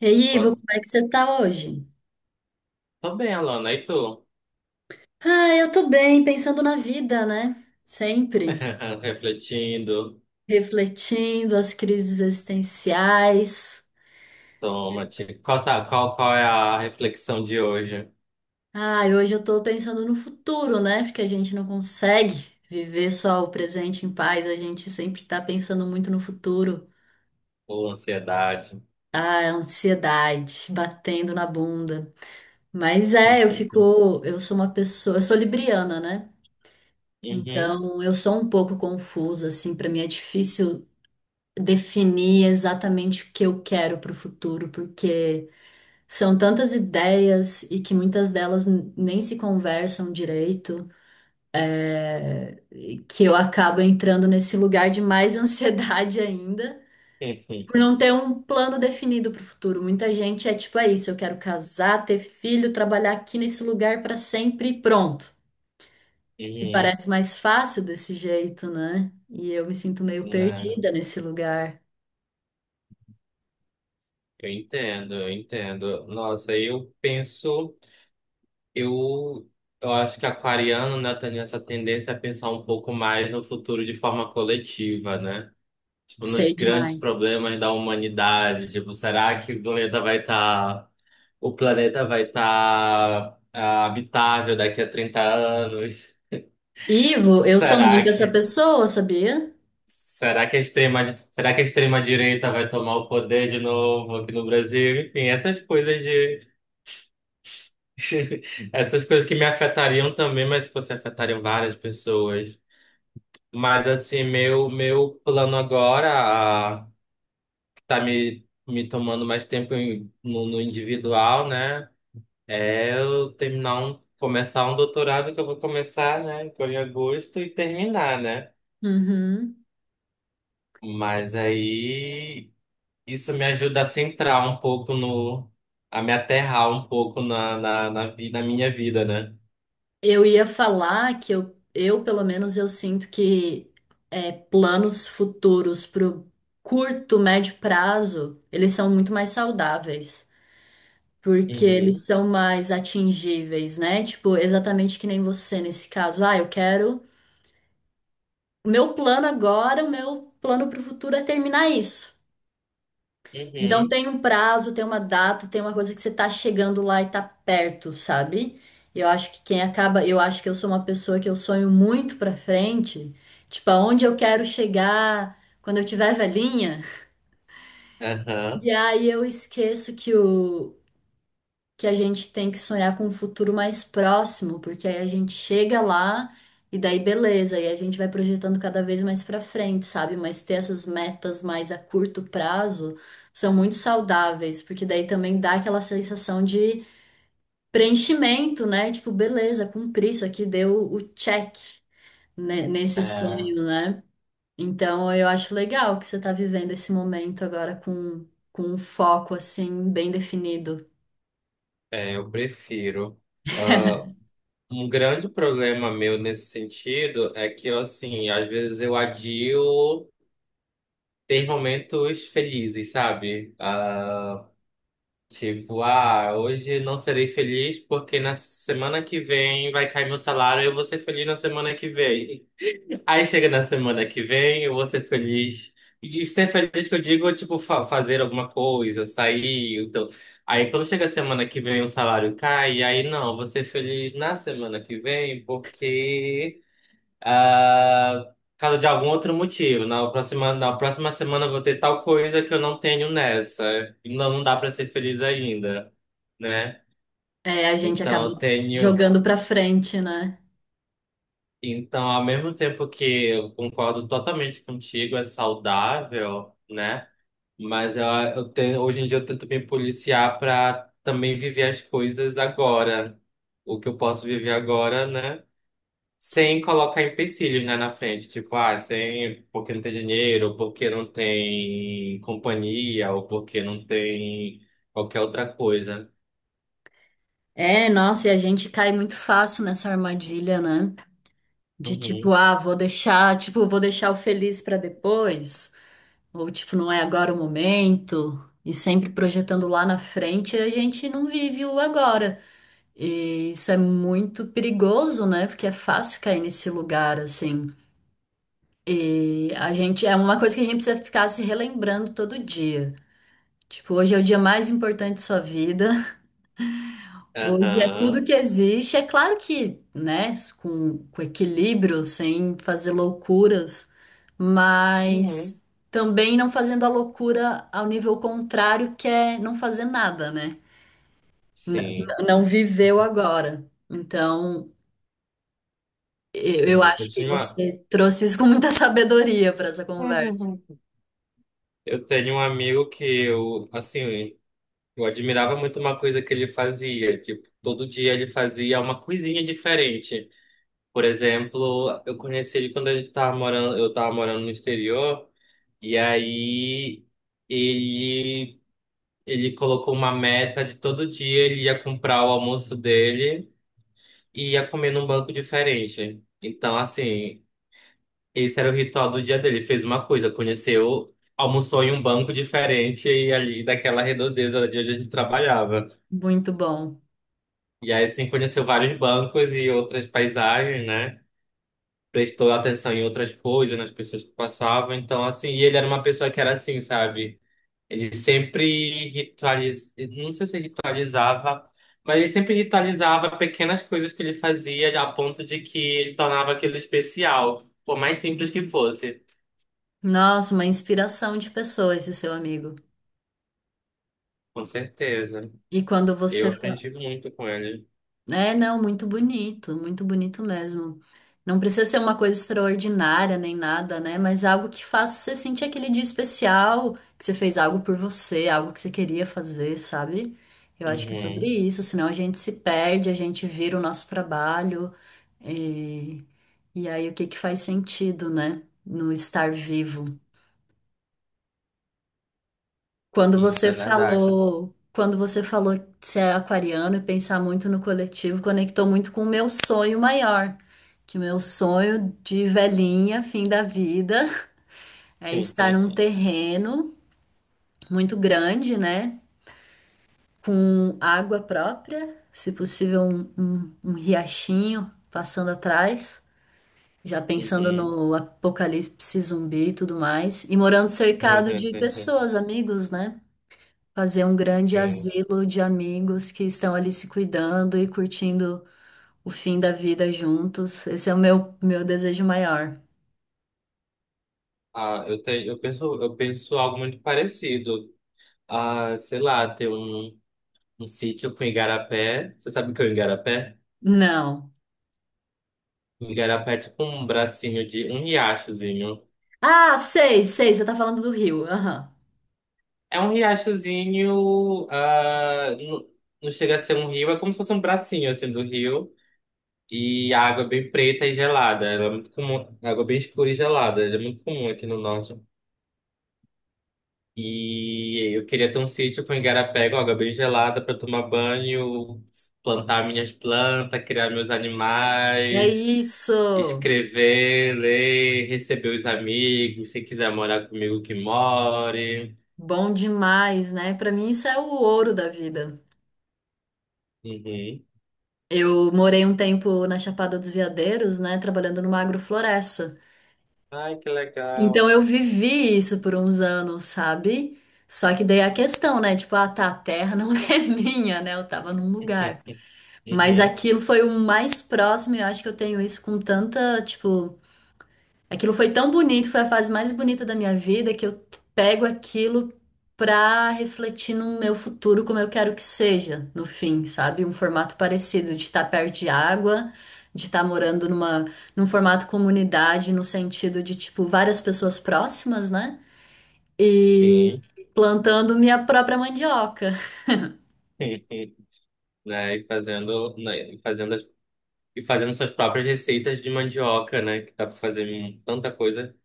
E aí, Ivo, Boa- como é que você tá hoje? Tô bem, Alana. E tu? Ah, eu tô bem, pensando na vida, né? Sempre. Refletindo. Refletindo as crises existenciais. Toma, te- qual, sa- qual, qual é a reflexão de hoje? Ah, e hoje eu tô pensando no futuro, né? Porque a gente não consegue viver só o presente em paz, a gente sempre tá pensando muito no futuro. Ou ansiedade? Ah, a ansiedade batendo na bunda. Mas é, eu fico, eu sou uma pessoa, eu sou libriana, né? Uhum. Então, eu sou um pouco confusa, assim, pra mim é difícil definir exatamente o que eu quero para o futuro, porque são tantas ideias e que muitas delas nem se conversam direito, é, que eu acabo entrando nesse lugar de mais ansiedade ainda. Por não ter um plano definido para o futuro. Muita gente é tipo, é isso, eu quero casar, ter filho, trabalhar aqui nesse lugar para sempre e pronto. E Uhum. parece mais fácil desse jeito, né? E eu me sinto meio Não, perdida nesse lugar. eu entendo, eu entendo. Nossa, eu penso, eu, eu acho que aquariano, né, tem essa tendência a pensar um pouco mais no futuro de forma coletiva, né? Tipo, nos Sei grandes demais. problemas da humanidade. Tipo, será que o planeta vai estar. O planeta vai estar habitável daqui a 30 anos. Ivo, eu sou Será muito essa que pessoa, sabia? Será que a extrema direita vai tomar o poder de novo aqui no Brasil? Enfim, essas coisas de essas coisas que me afetariam também, mas se fosse afetariam várias pessoas. Mas assim, meu plano agora, que tá me tomando mais tempo no individual, né? Eu terminar começar um doutorado que eu vou começar, né, agora em agosto e terminar, né? Uhum. Mas aí isso me ajuda a centrar um pouco no, a me aterrar um pouco na minha vida, né? Eu ia falar que eu pelo menos, eu sinto que é, planos futuros pro curto, médio prazo, eles são muito mais saudáveis, porque eles Uhum, são mais atingíveis, né? Tipo, exatamente que nem você nesse caso. Ah, eu quero. O meu plano agora, o meu plano pro futuro é terminar isso. Então uhum, tem um prazo, tem uma data, tem uma coisa que você tá chegando lá e tá perto, sabe? Eu acho que quem acaba, eu acho que eu sou uma pessoa que eu sonho muito pra frente, tipo aonde eu quero chegar quando eu tiver velhinha. aham. E aí eu esqueço que o, que a gente tem que sonhar com um futuro mais próximo, porque aí a gente chega lá e daí beleza, e a gente vai projetando cada vez mais pra frente, sabe? Mas ter essas metas mais a curto prazo são muito saudáveis, porque daí também dá aquela sensação de preenchimento, né? Tipo, beleza, cumpri isso aqui, deu o check, né, nesse É, sonho, né? Então eu acho legal que você tá vivendo esse momento agora com um foco assim bem definido. é, eu prefiro. Ah, um grande problema meu nesse sentido é que, eu, assim, às vezes eu adio ter momentos felizes, sabe? Tipo, ah, hoje não serei feliz porque na semana que vem vai cair meu salário e eu vou ser feliz na semana que vem. Aí chega na semana que vem, eu vou ser feliz. E ser feliz que eu digo, tipo, fazer alguma coisa, sair. Então. Aí quando chega a semana que vem o salário cai, aí não, eu vou ser feliz na semana que vem porque. Ah, por causa de algum outro motivo. Na próxima semana eu vou ter tal coisa que eu não tenho nessa. E não, não dá para ser feliz ainda, né? É, a gente Então acaba eu tenho. jogando pra frente, né? Então, ao mesmo tempo que eu concordo totalmente contigo, é saudável, né? Mas eu tenho, hoje em dia eu tento me policiar para também viver as coisas agora. O que eu posso viver agora, né? Sem colocar empecilhos, né, na frente. Tipo, ah, sem, porque não tem dinheiro, ou porque não tem companhia, ou porque não tem qualquer outra coisa. É, nossa, e a gente cai muito fácil nessa armadilha, né? De tipo, Uhum. ah, vou deixar, tipo, vou deixar o feliz pra depois, ou tipo, não é agora o momento, e sempre projetando lá na frente, a gente não vive o agora. E isso é muito perigoso, né? Porque é fácil cair nesse lugar assim. E a gente é uma coisa que a gente precisa ficar se relembrando todo dia. Tipo, hoje é o dia mais importante da sua vida. Hoje é tudo Aham. que existe. É claro que, né, com equilíbrio, sem fazer loucuras, mas Uhum. também não fazendo a loucura ao nível contrário, que é não fazer nada, né? Sim, Não viveu agora. Então, eu sim. Eu acho que tinha uma. você trouxe isso com muita sabedoria para essa conversa. Uhum. Eu tenho um amigo que eu, assim, eu admirava muito uma coisa que ele fazia. Tipo, todo dia ele fazia uma coisinha diferente. Por exemplo, eu conheci ele quando eu tava morando no exterior. E aí ele, ele colocou uma meta de todo dia ele ia comprar o almoço dele e ia comer num banco diferente. Então, assim, esse era o ritual do dia dele. Ele fez uma coisa, conheceu, almoçou em um banco diferente e ali daquela redondeza de onde a gente trabalhava. Muito bom. E aí, assim, conheceu vários bancos e outras paisagens, né? Prestou atenção em outras coisas, nas pessoas que passavam. Então, assim, e ele era uma pessoa que era assim, sabe? Ele sempre ritualizava, não sei se ritualizava, mas ele sempre ritualizava pequenas coisas que ele fazia a ponto de que ele tornava aquilo especial, por mais simples que fosse. Nossa, uma inspiração de pessoa esse seu amigo. Com certeza. E quando Eu você aprendi muito com ele. É, não, muito bonito mesmo. Não precisa ser uma coisa extraordinária nem nada, né? Mas algo que faça você sentir aquele dia especial, que você fez algo por você, algo que você queria fazer, sabe? Eu acho que é sobre Uhum. isso, senão a gente se perde, a gente vira o nosso trabalho, e, e aí o que que faz sentido, né? No estar vivo. Isso é verdade. Quando você falou de ser aquariano e pensar muito no coletivo, conectou muito com o meu sonho maior, que o meu sonho de velhinha, fim da vida, é estar num terreno muito grande, né, com água própria, se possível um riachinho passando atrás, já pensando Uhum. no apocalipse zumbi e tudo mais, e morando cercado de pessoas, amigos, né? Fazer um grande Sim. asilo de amigos que estão ali se cuidando e curtindo o fim da vida juntos. Esse é o meu desejo maior. Ah, eu tenho, eu penso algo muito parecido. Ah, sei lá, ter um sítio com igarapé. Você sabe o que é o igarapé? Não. Igarapé é tipo um bracinho de um riachozinho. Ah, sei, sei, você tá falando do Rio. Aham. É um riachozinho, não chega a ser um rio, é como se fosse um bracinho assim do rio. E a água é bem preta e gelada. Ela é muito comum, água bem escura e gelada. Ela é muito comum aqui no norte. E eu queria ter um sítio com igarapé, com água bem gelada para tomar banho, plantar minhas plantas, criar meus É animais, isso. escrever, ler, receber os amigos, quem quiser morar comigo que more. Bom demais, né? Pra mim isso é o ouro da vida. Uhum. Eu morei um tempo na Chapada dos Veadeiros, né, trabalhando numa agrofloresta. Ai, que Então legal. eu vivi isso por uns anos, sabe? Só que daí é a questão, né? Tipo, ah, tá, a terra não é minha, né? Eu tava num lugar. Mas Uhum. aquilo foi o mais próximo, e eu acho que eu tenho isso com tanta, tipo. Aquilo foi tão bonito, foi a fase mais bonita da minha vida que eu pego aquilo pra refletir no meu futuro como eu quero que seja, no fim, sabe? Um formato parecido de estar perto de água, de estar morando num formato comunidade, no sentido de tipo várias pessoas próximas, né? E Sim. plantando minha própria mandioca. Né, e fazendo, né, e fazendo as- e fazendo suas próprias receitas de mandioca, né? Que dá para fazer tanta coisa.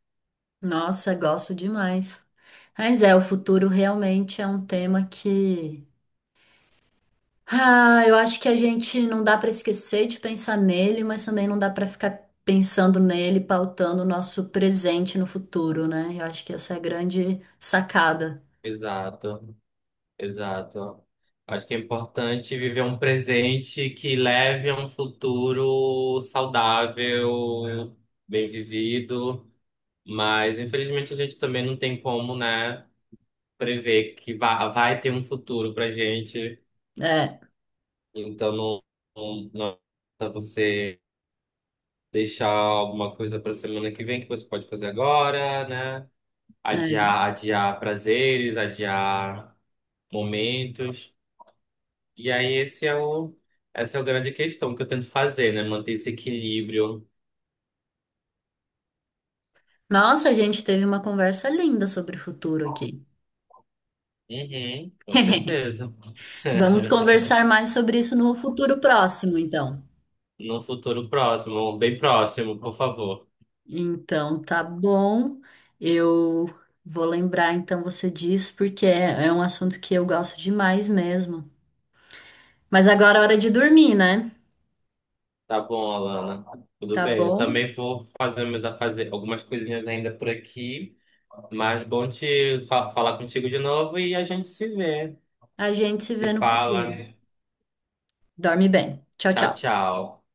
Nossa, gosto demais. Mas é, o futuro realmente é um tema que Ah, eu acho que a gente não dá para esquecer de pensar nele, mas também não dá para ficar pensando nele, pautando o nosso presente no futuro, né? Eu acho que essa é a grande sacada. Exato. Exato. Acho que é importante viver um presente que leve a um futuro saudável, bem vivido, mas infelizmente a gente também não tem como, né, prever que vai ter um futuro pra gente. É, Então não, não é você deixar alguma coisa pra semana que vem que você pode fazer agora, né? é. Adiar, adiar prazeres, adiar momentos. E aí essa é a grande questão que eu tento fazer, né? Manter esse equilíbrio. Nossa, a gente teve uma conversa linda sobre o futuro aqui. Uhum, com certeza. Vamos conversar mais sobre isso no futuro próximo, então. No futuro próximo, bem próximo, por favor. Então, tá bom. Eu vou lembrar então você disso, porque é um assunto que eu gosto demais mesmo. Mas agora é hora de dormir, né? Tá bom, Alana. Tudo Tá bem. Eu bom? também vou fazer algumas coisinhas ainda por aqui. Mas bom falar contigo de novo e a gente se vê. A gente se Se vê no fala. futuro. Dorme bem. Tchau, Tchau, tchau. tchau.